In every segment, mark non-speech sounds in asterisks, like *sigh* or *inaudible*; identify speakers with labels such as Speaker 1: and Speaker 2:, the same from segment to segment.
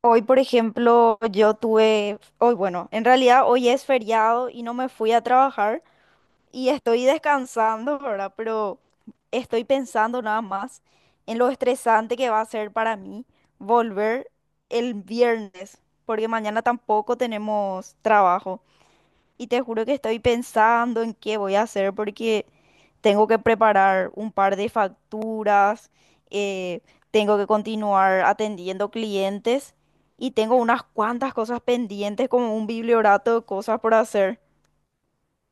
Speaker 1: Hoy, por ejemplo, yo tuve, hoy, bueno, en realidad hoy es feriado y no me fui a trabajar y estoy descansando, ¿verdad? Pero estoy pensando nada más en lo estresante que va a ser para mí volver el viernes, porque mañana tampoco tenemos trabajo. Y te juro que estoy pensando en qué voy a hacer porque tengo que preparar un par de facturas, eh, tengo que continuar atendiendo clientes y tengo unas cuantas cosas pendientes como un bibliorato de cosas por hacer.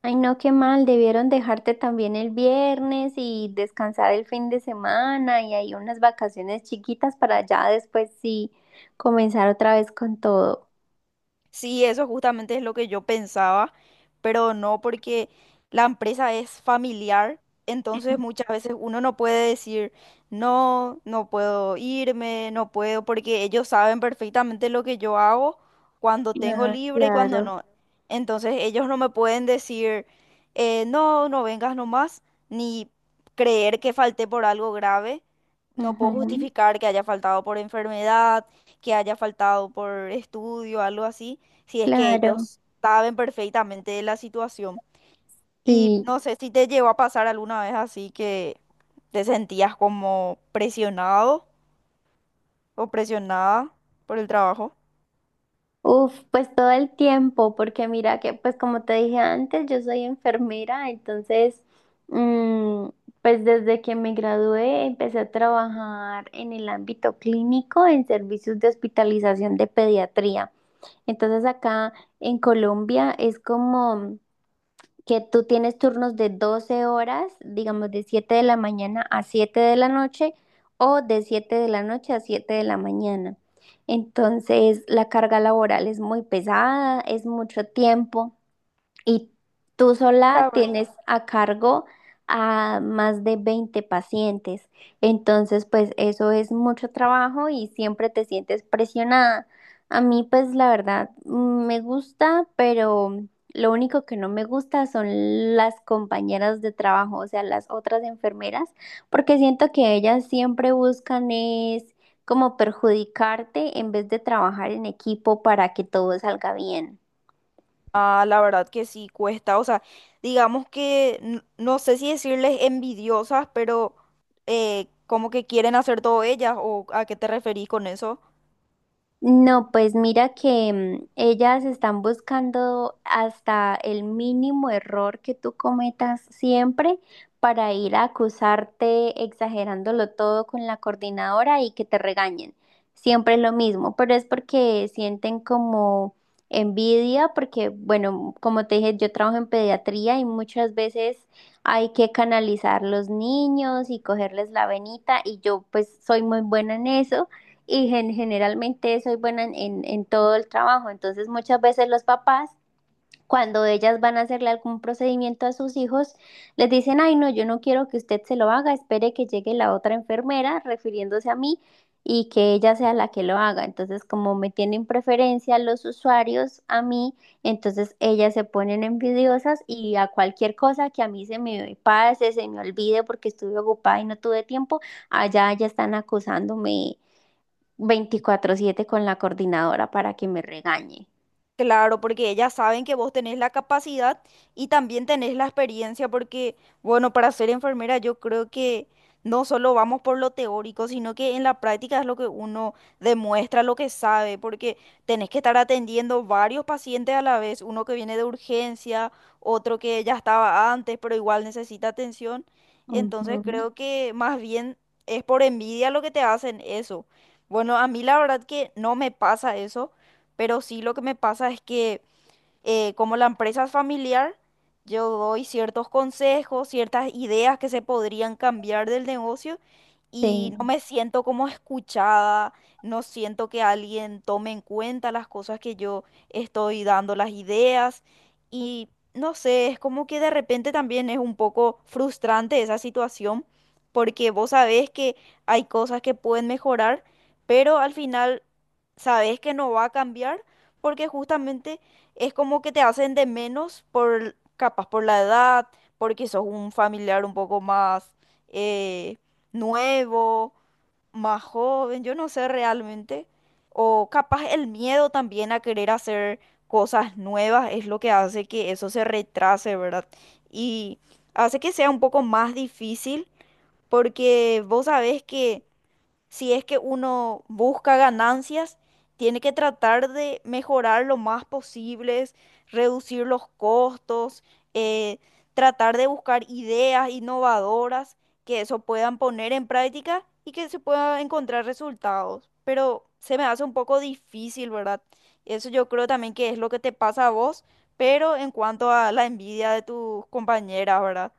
Speaker 2: Ay, no, qué mal, debieron dejarte también el viernes y descansar el fin de semana y hay unas vacaciones chiquitas para ya después sí comenzar otra vez con todo.
Speaker 1: Sí, eso justamente es lo que yo pensaba, pero no porque la empresa es familiar, entonces muchas veces uno no puede decir, no, no puedo irme, no puedo, porque ellos saben perfectamente lo que yo hago cuando tengo
Speaker 2: Ah,
Speaker 1: libre y cuando
Speaker 2: claro.
Speaker 1: no. Entonces ellos no me pueden decir, "No no vengas nomás, ni creer que falté por algo grave. No
Speaker 2: Ujú.
Speaker 1: puedo justificar que haya faltado por enfermedad, que haya faltado por estudio, algo así si es que
Speaker 2: Claro,
Speaker 1: ellos saben perfectamente de la situación. Y
Speaker 2: sí.
Speaker 1: no sé si te llegó a pasar alguna vez así que te sentías como presionado o presionada por el trabajo.
Speaker 2: Uf, pues todo el tiempo, porque mira que, pues como te dije antes, yo soy enfermera, entonces, mm, pues desde que me gradué empecé a trabajar en el ámbito clínico, en servicios de hospitalización de pediatría. Entonces acá en Colombia es como que tú tienes turnos de 12 horas, digamos de 7 de la mañana a 7 de la noche o de 7 de la noche a 7 de la mañana. Entonces, la carga laboral es muy pesada, es mucho tiempo. Y tú
Speaker 1: La
Speaker 2: sola
Speaker 1: verdad.
Speaker 2: tienes a cargo a más de 20 pacientes. Entonces, pues eso es mucho trabajo y siempre te sientes presionada. A mí, pues la verdad, me gusta, pero lo único que no me gusta son las compañeras de trabajo, o sea, las otras enfermeras, porque siento que ellas siempre buscan es como perjudicarte en vez de trabajar en equipo para que todo salga bien.
Speaker 1: Ah, la verdad que sí cuesta, o sea, digamos que no sé si decirles envidiosas, pero como que quieren hacer todo ellas o a qué te referís con eso.
Speaker 2: No, pues mira que ellas están buscando hasta el mínimo error que tú cometas siempre para ir a acusarte exagerándolo todo con la coordinadora y que te regañen. Siempre es lo mismo, pero es porque sienten como envidia, porque bueno, como te dije, yo trabajo en pediatría y muchas veces hay que canalizar los niños y cogerles la venita y yo pues soy muy buena en eso y generalmente soy buena en todo el trabajo. Entonces muchas veces los papás, cuando ellas van a hacerle algún procedimiento a sus hijos, les dicen, ay, no, yo no quiero que usted se lo haga, espere que llegue la otra enfermera refiriéndose a mí y que ella sea la que lo haga. Entonces, como me tienen preferencia los usuarios a mí, entonces ellas se ponen envidiosas y a cualquier cosa que a mí se me pase, se me olvide porque estuve ocupada y no tuve tiempo, allá ya están acusándome 24/7 con la coordinadora para que me regañe.
Speaker 1: Claro, porque ellas saben que vos tenés la capacidad y también tenés la experiencia, porque, bueno, para ser enfermera yo creo que no solo vamos por lo teórico, sino que en la práctica es lo que uno demuestra, lo que sabe, porque tenés que estar atendiendo varios pacientes a la vez, uno que viene de urgencia, otro que ya estaba antes, pero igual necesita atención. Entonces
Speaker 2: Ujú.
Speaker 1: creo que más bien es por envidia lo que te hacen eso. Bueno, a mí la verdad que no me pasa eso, pero sí lo que me pasa es que como la empresa es familiar, yo doy ciertos consejos, ciertas ideas que se podrían cambiar del negocio y no
Speaker 2: Sí.
Speaker 1: me siento como escuchada, no siento que alguien tome en cuenta las cosas que yo estoy dando, las ideas, y no sé, es como que de repente también es un poco frustrante esa situación porque vos sabés que hay cosas que pueden mejorar, pero al final sabés que no va a cambiar porque justamente es como que te hacen de menos por, capaz por la edad, porque sos un familiar un poco más eh, nuevo, más joven, yo no sé realmente. O capaz el miedo también a querer hacer cosas nuevas es lo que hace que eso se retrase, ¿verdad? Y hace que sea un poco más difícil porque vos sabés que si es que uno busca ganancias, tiene que tratar de mejorar lo más posible, reducir los costos, eh, tratar de buscar ideas innovadoras que eso puedan poner en práctica y que se puedan encontrar resultados. Pero se me hace un poco difícil, ¿verdad? Eso yo creo también que es lo que te pasa a vos, pero en cuanto a la envidia de tus compañeras, ¿verdad?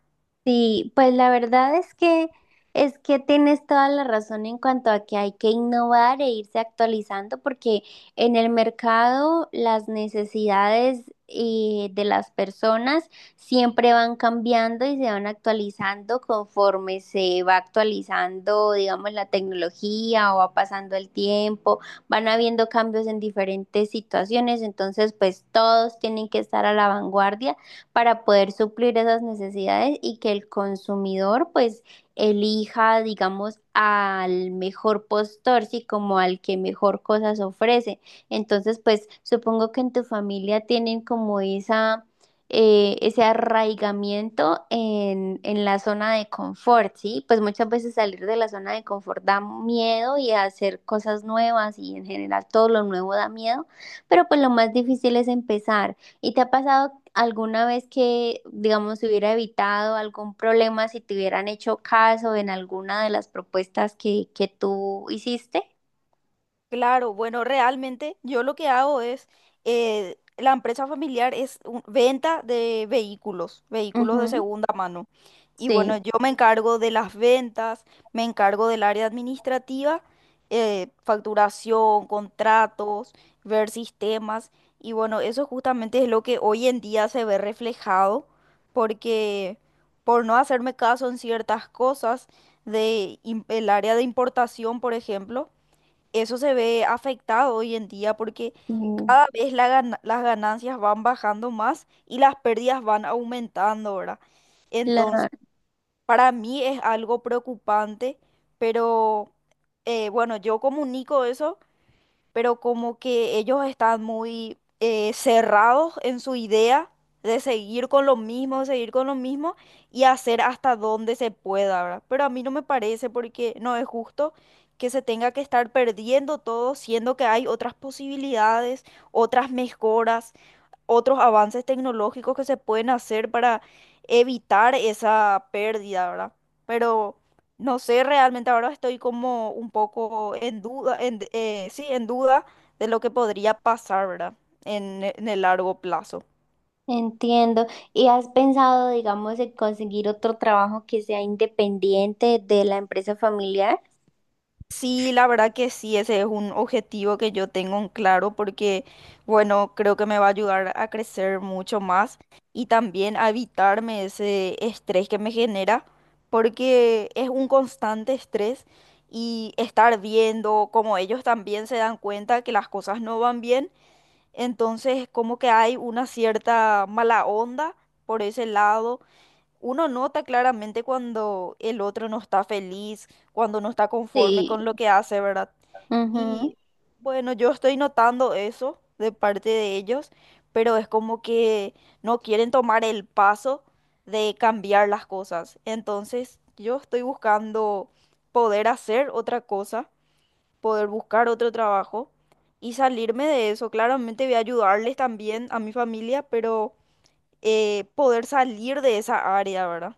Speaker 2: Sí, pues la verdad es que tienes toda la razón en cuanto a que hay que innovar e irse actualizando porque en el mercado las necesidades de las personas siempre van cambiando y se van actualizando conforme se va actualizando, digamos, la tecnología o va pasando el tiempo, van habiendo cambios en diferentes situaciones, entonces pues todos tienen que estar a la vanguardia para poder suplir esas necesidades y que el consumidor pues elija, digamos, al mejor postor, sí, como al que mejor cosas ofrece. Entonces, pues supongo que en tu familia tienen como esa ese arraigamiento en la zona de confort, ¿sí? Pues muchas veces salir de la zona de confort da miedo y hacer cosas nuevas y en general todo lo nuevo da miedo, pero pues lo más difícil es empezar. ¿Y te ha pasado alguna vez que, digamos, se hubiera evitado algún problema si te hubieran hecho caso en alguna de las propuestas que tú hiciste?
Speaker 1: Claro, bueno, realmente yo lo que hago es, la empresa familiar es venta de vehículos, vehículos de
Speaker 2: Ujú.
Speaker 1: segunda mano. Y bueno,
Speaker 2: Sí,
Speaker 1: yo me encargo de las ventas, me encargo del área administrativa, facturación, contratos, ver sistemas. Y bueno, eso justamente es lo que hoy en día se ve reflejado, porque por no hacerme caso en ciertas cosas de el área de importación, por ejemplo, eso se ve afectado hoy en día porque
Speaker 2: sí,
Speaker 1: cada vez la las ganancias van bajando más y las pérdidas van aumentando, ¿verdad?
Speaker 2: claro,
Speaker 1: Entonces, para mí es algo preocupante, pero bueno, yo comunico eso pero como que ellos están muy cerrados en su idea de seguir con lo mismo, seguir con lo mismo y hacer hasta donde se pueda, ¿verdad? Pero a mí no me parece porque no es justo que se tenga que estar perdiendo todo, siendo que hay otras posibilidades, otras mejoras, otros avances tecnológicos que se pueden hacer para evitar esa pérdida, ¿verdad? Pero no sé, realmente ahora estoy como un poco en duda, sí, en duda de lo que podría pasar, ¿verdad? En el largo plazo.
Speaker 2: entiendo. ¿Y has pensado, digamos, en conseguir otro trabajo que sea independiente de la empresa familiar?
Speaker 1: Sí, la verdad que sí, ese es un objetivo que yo tengo en claro porque, bueno, creo que me va a ayudar a crecer mucho más y también a evitarme ese estrés que me genera porque es un constante estrés y estar viendo como ellos también se dan cuenta que las cosas no van bien, entonces como que hay una cierta mala onda por ese lado, uno nota claramente cuando el otro no está feliz, cuando no está conforme con lo
Speaker 2: Sí.
Speaker 1: que hace, ¿verdad? Y bueno, yo estoy notando eso de parte de ellos, pero es como que no quieren tomar el paso de cambiar las cosas. Entonces, yo estoy buscando poder hacer otra cosa, poder buscar otro trabajo y salirme de eso. Claramente voy a ayudarles también a mi familia, pero poder salir de esa área, ¿verdad?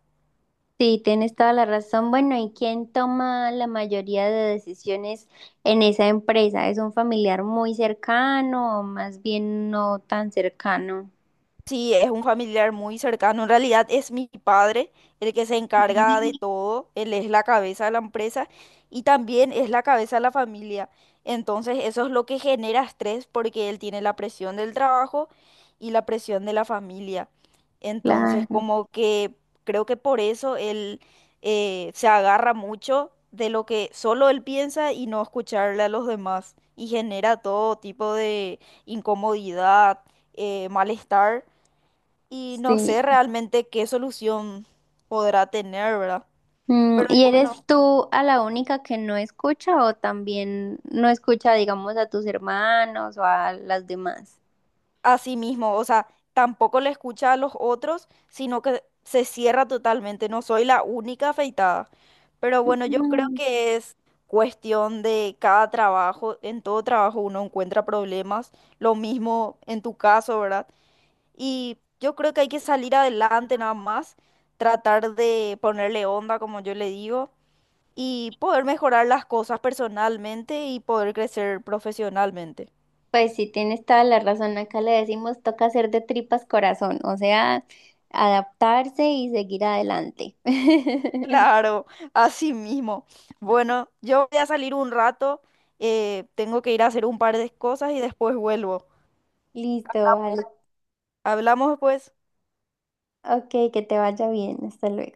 Speaker 2: Sí, tienes toda la razón. Bueno, ¿y quién toma la mayoría de decisiones en esa empresa? ¿Es un familiar muy cercano o más bien no tan cercano?
Speaker 1: Sí, es un familiar muy cercano. En realidad es mi padre el que se encarga
Speaker 2: Mm.
Speaker 1: de todo. Él es la cabeza de la empresa y también es la cabeza de la familia. Entonces eso es lo que genera estrés porque él tiene la presión del trabajo y la presión de la familia. Entonces
Speaker 2: Claro,
Speaker 1: como que creo que por eso él se agarra mucho de lo que solo él piensa y no escucharle a los demás y genera todo tipo de incomodidad, malestar, y no
Speaker 2: sí.
Speaker 1: sé realmente qué solución podrá tener, ¿verdad?
Speaker 2: Mm,
Speaker 1: Pero y
Speaker 2: ¿y
Speaker 1: bueno,
Speaker 2: eres tú a la única que no escucha o también no escucha, digamos, a tus hermanos o a las demás?
Speaker 1: así mismo, o sea, tampoco le escucha a los otros, sino que se cierra totalmente. No soy la única afeitada. Pero bueno, yo creo que es cuestión de cada trabajo. En todo trabajo uno encuentra problemas. Lo mismo en tu caso, ¿verdad? Y yo creo que hay que salir adelante nada más, tratar de ponerle onda, como yo le digo, y poder mejorar las cosas personalmente y poder crecer profesionalmente. *laughs*
Speaker 2: Pues sí, tienes toda la razón. Acá le decimos toca hacer de tripas corazón, o sea, adaptarse y seguir adelante. *laughs*
Speaker 1: Claro, así mismo. Bueno, yo voy a salir un rato, tengo que ir a hacer un par de cosas y después vuelvo.
Speaker 2: Listo, vale.
Speaker 1: Hablamos después.
Speaker 2: Ok, que te vaya bien. Hasta luego.